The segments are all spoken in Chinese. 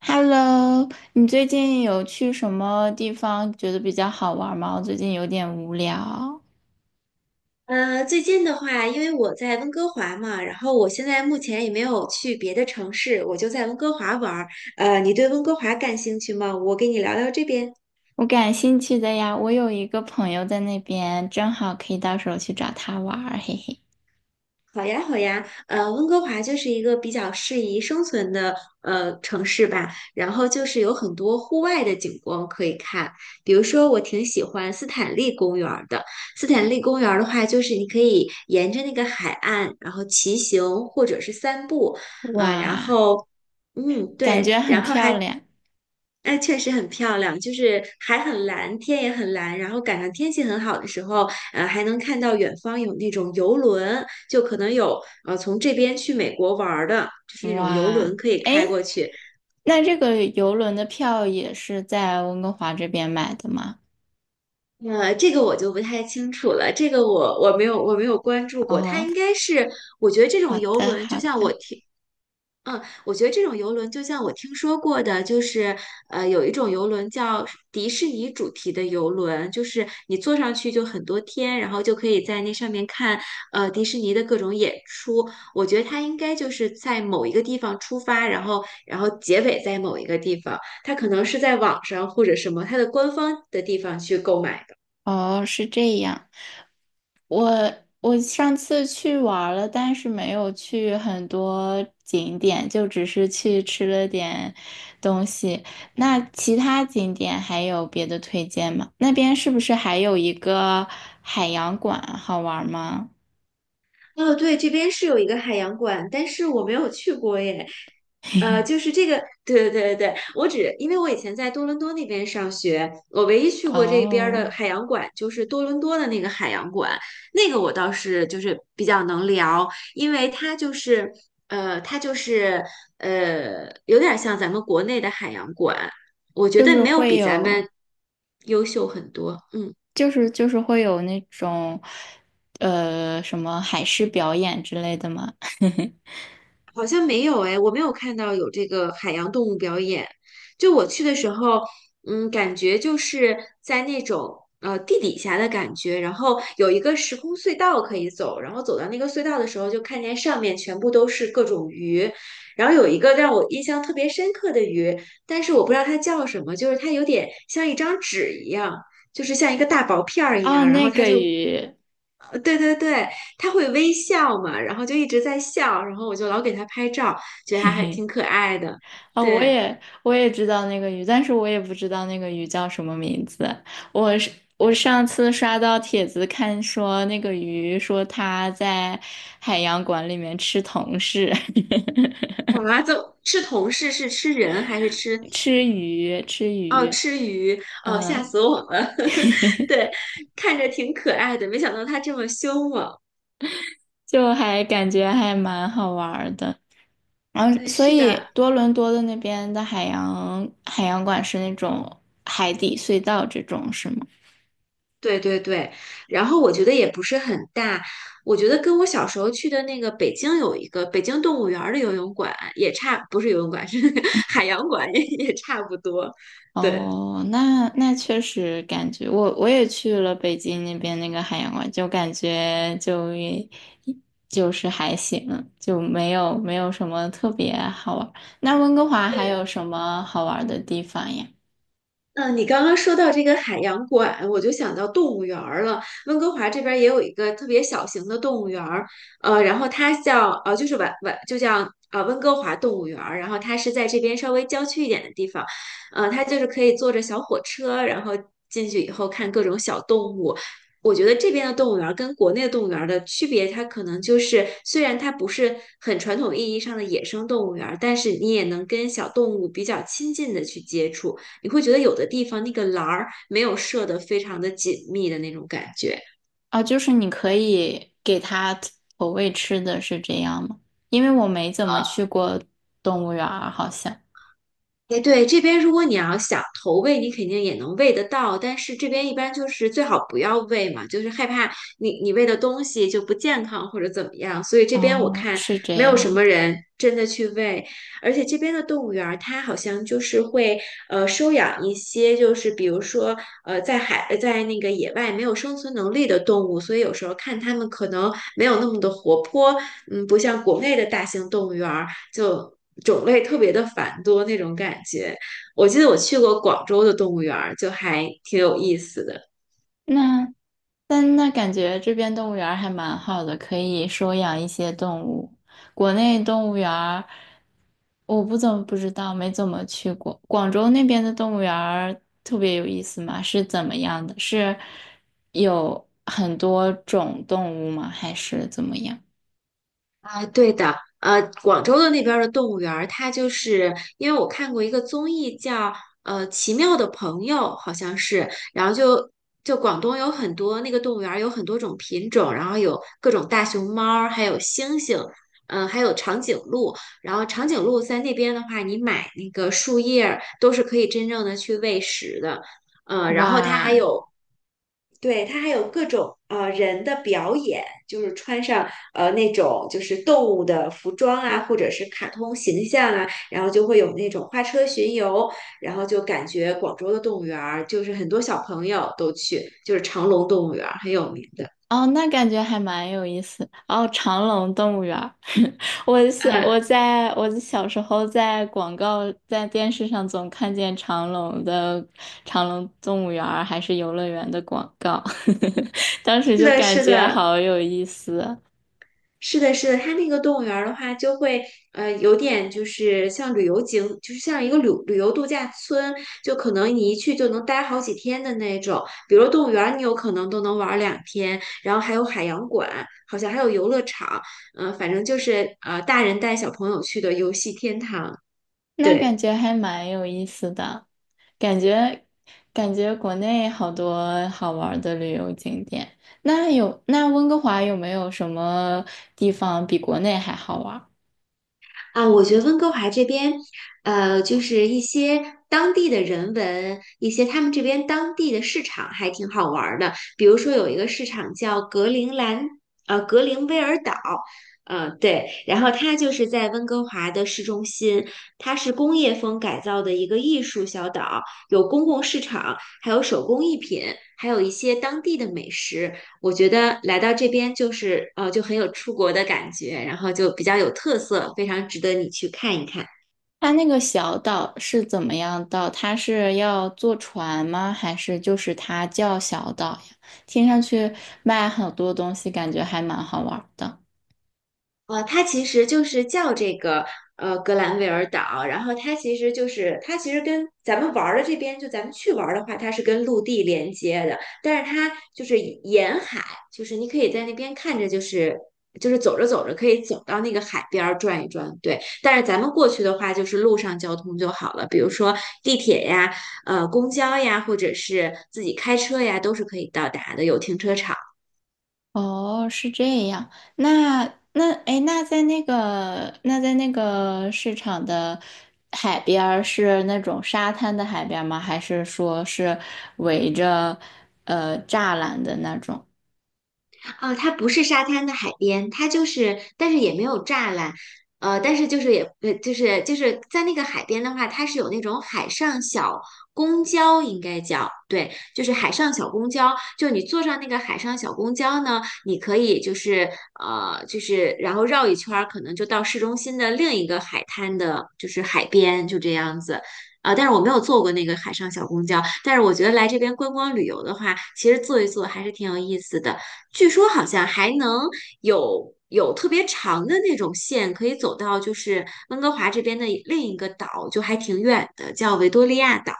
Hello，你最近有去什么地方觉得比较好玩吗？我最近有点无聊。最近的话，因为我在温哥华嘛，然后我现在目前也没有去别的城市，我就在温哥华玩儿。你对温哥华感兴趣吗？我给你聊聊这边。我感兴趣的呀。我有一个朋友在那边，正好可以到时候去找他玩儿嘿嘿。好呀，好呀，温哥华就是一个比较适宜生存的城市吧，然后就是有很多户外的景观可以看，比如说我挺喜欢斯坦利公园儿的。斯坦利公园儿的话，就是你可以沿着那个海岸，然后骑行或者是散步，呃，然哇，后嗯，感对，觉很然后还漂亮。哎，确实很漂亮，就是海很蓝，天也很蓝，然后赶上天气很好的时候，还能看到远方有那种游轮，就可能有从这边去美国玩儿的，就是那种游轮哇，可以开过哎，去。那这个游轮的票也是在温哥华这边买的吗？这个我就不太清楚了，这个我没有我没有关注过，它哦，应该是我觉得这好种游的，轮，就好像我的。听嗯，我觉得这种游轮就像我听说过的，就是有一种游轮叫迪士尼主题的游轮，就是你坐上去就很多天，然后就可以在那上面看迪士尼的各种演出。我觉得它应该就是在某一个地方出发，然后结尾在某一个地方，它可能是在网上或者什么它的官方的地方去购买。哦，是这样。我我上次去玩儿了，但是没有去很多景点，就只是去吃了点东西。那其他景点还有别的推荐吗？那边是不是还有一个海洋馆好玩儿吗？哦，对，这边是有一个海洋馆，但是我没有去过耶。就是这个，对对对对，我只因为我以前在多伦多那边上学，我唯一去过这边儿的哦，海洋馆就是多伦多的那个海洋馆，那个我倒是就是比较能聊，因为它就是有点像咱们国内的海洋馆，我觉就得是没有会比咱们有，优秀很多，嗯。就是就是会有那种，什么海狮表演之类的吗？好像没有哎，我没有看到有这个海洋动物表演。就我去的时候，嗯，感觉就是在那种地底下的感觉，然后有一个时空隧道可以走，然后走到那个隧道的时候，就看见上面全部都是各种鱼，然后有一个让我印象特别深刻的鱼，但是我不知道它叫什么，就是它有点像一张纸一样，就是像一个大薄片儿一哦，样，然后那它个就鱼。对对对，他会微笑嘛，然后就一直在笑，然后我就老给他拍照，觉得他还挺可爱的。哦，我对，也我也知道那个鱼，但是我也不知道那个鱼叫什么名字。我是我上次刷到帖子看说那个鱼说它在海洋馆里面吃同事。我妈就吃同事是吃人还是吃？吃鱼吃哦，鱼。吃鱼，哦，吓嗯，死我了。对，看着挺可爱的，没想到他这么凶猛。就还感觉还蛮好玩儿的。然后，嗯，所是以的，多伦多的那边的海洋馆是那种海底隧道这种是吗？对对对。然后我觉得也不是很大，我觉得跟我小时候去的那个北京有一个北京动物园儿的游泳馆也差，不是游泳馆，是 那个海洋馆也差不多。对。哦，那那确实感觉我也去了北京那边那个海洋馆，就感觉就也就是还行，就没有什么特别好玩儿。那温哥华还对，有什么好玩儿的地方呀？嗯，你刚刚说到这个海洋馆，我就想到动物园儿了。温哥华这边儿也有一个特别小型的动物园儿，然后它叫就是晚晚就叫温哥华动物园儿，然后它是在这边稍微郊区一点的地方，它就是可以坐着小火车，然后进去以后看各种小动物。我觉得这边的动物园儿跟国内的动物园儿的区别，它可能就是虽然它不是很传统意义上的野生动物园儿，但是你也能跟小动物比较亲近的去接触。你会觉得有的地方那个栏儿没有设得非常的紧密的那种感觉。哦，就是你可以给它投喂吃的是这样吗？因为我没怎么去过动物园儿，好像。哎，对，这边如果你要想投喂，你肯定也能喂得到，但是这边一般就是最好不要喂嘛，就是害怕你喂的东西就不健康或者怎么样，所以这边我哦，看是没这有什样么的。人真的去喂，而且这边的动物园儿它好像就是会收养一些就是比如说在海在那个野外没有生存能力的动物，所以有时候看它们可能没有那么的活泼，嗯，不像国内的大型动物园儿。就种类特别的繁多那种感觉。我记得我去过广州的动物园儿，就还挺有意思的。那但那感觉这边动物园儿还蛮好的，可以收养一些动物。国内动物园儿我不知道，没怎么去过。广州那边的动物园儿特别有意思吗？是怎么样的？是有很多种动物吗？还是怎么样？啊，对的，广州的那边儿的动物园儿，它就是因为我看过一个综艺叫《奇妙的朋友》，好像是，然后就就广东有很多那个动物园儿有很多种品种，然后有各种大熊猫儿，还有猩猩，嗯、还有长颈鹿，然后长颈鹿在那边的话，你买那个树叶儿都是可以真正的去喂食的，然后它还哇，有对，它还有各种人的表演，就是穿上那种就是动物的服装啊，或者是卡通形象啊，然后就会有那种花车巡游，然后就感觉广州的动物园儿就是很多小朋友都去，就是长隆动物园儿很有名的。哦，那感觉还蛮有意思。哦，长隆动物园儿，嗯，我小时候在广告在电视上总看见长隆的长隆动物园儿还是游乐园的广告，当时是就的，感是觉的。好有意思。是的，是的，它那个动物园儿的话，就会有点就是像旅游景，就是像一个旅游度假村，就可能你一去就能待好几天的那种。比如动物园儿，你有可能都能玩儿两天，然后还有海洋馆，好像还有游乐场，嗯、反正就是大人带小朋友去的游戏天堂。那感对。觉还蛮有意思的，感觉感觉国内好多好玩儿的旅游景点。那温哥华有没有什么地方比国内还好玩。啊，我觉得温哥华这边，就是一些当地的人文，一些他们这边当地的市场还挺好玩儿的。比如说有一个市场叫格陵兰，格陵威尔岛，对，然后它就是在温哥华的市中心，它是工业风改造的一个艺术小岛，有公共市场，还有手工艺品，还有一些当地的美食。我觉得来到这边就是就很有出国的感觉，然后就比较有特色，非常值得你去看一看。它那个小岛是怎么样到？它是要坐船吗？还是就是它叫小岛呀？听上去卖很多东西，感觉还蛮好玩的。它其实就是叫这个格兰维尔岛，然后它其实跟咱们玩儿的这边，就咱们去玩儿的话，它是跟陆地连接的，但是它就是沿海，就是你可以在那边看着，就是走着走着可以走到那个海边儿转一转，对。但是咱们过去的话，就是路上交通就好了，比如说地铁呀、公交呀，或者是自己开车呀，都是可以到达的，有停车场。哦，是这样。那那那在那个市场的海边儿是那种沙滩的海边儿吗？还是说是围着栅栏的那种？啊，它不是沙滩的海边，它就是，但是也没有栅栏，但是就是也，就是在那个海边的话，它是有那种海上小公交，应该叫，对，就是海上小公交，就你坐上那个海上小公交呢，你可以就是就是然后绕一圈儿，可能就到市中心的另一个海滩的，就是海边，就这样子。啊，但是我没有坐过那个海上小公交，但是我觉得来这边观光旅游的话，其实坐一坐还是挺有意思的。据说好像还能有特别长的那种线，可以走到就是温哥华这边的另一个岛，就还挺远的，叫维多利亚岛。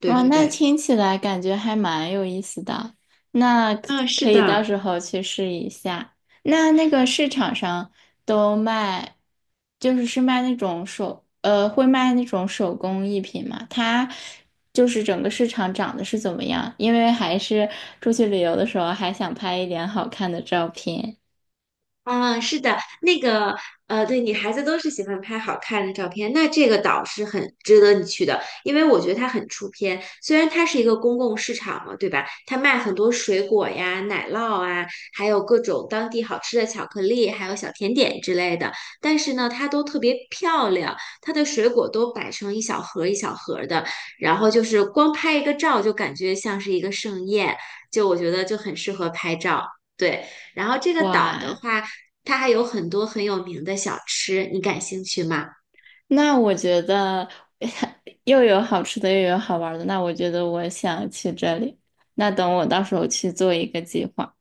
对哇，对那对，听起来感觉还蛮有意思的，那可啊，是可以到的，时候去试一下。那那个市场上都卖，是卖那种会卖那种手工艺品嘛？它就是整个市场长得是怎么样？因为还是出去旅游的时候还想拍一点好看的照片。啊，是的，那个，对，女孩子都是喜欢拍好看的照片，那这个岛是很值得你去的，因为我觉得它很出片。虽然它是一个公共市场嘛，对吧？它卖很多水果呀、奶酪啊，还有各种当地好吃的巧克力，还有小甜点之类的。但是呢，它都特别漂亮，它的水果都摆成一小盒儿一小盒儿的，然后就是光拍一个照就感觉像是一个盛宴，就我觉得就很适合拍照。对，然后这个岛的哇，话，它还有很多很有名的小吃，你感兴趣吗？那我觉得 又有好吃的，又有好玩的，那我觉得我想去这里。那等我到时候去做一个计划。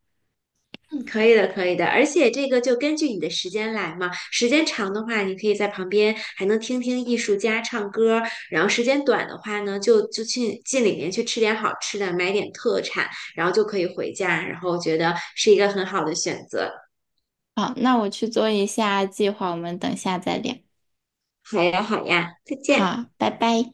嗯，可以的，可以的。而且这个就根据你的时间来嘛，时间长的话，你可以在旁边还能听听艺术家唱歌然后时间短的话呢，就去进里面去吃点好吃的，买点特产，然后就可以回家。然后我觉得是一个很好的选择。好，那我去做一下计划，我们等下再聊。好呀，好呀，再见。好，拜拜。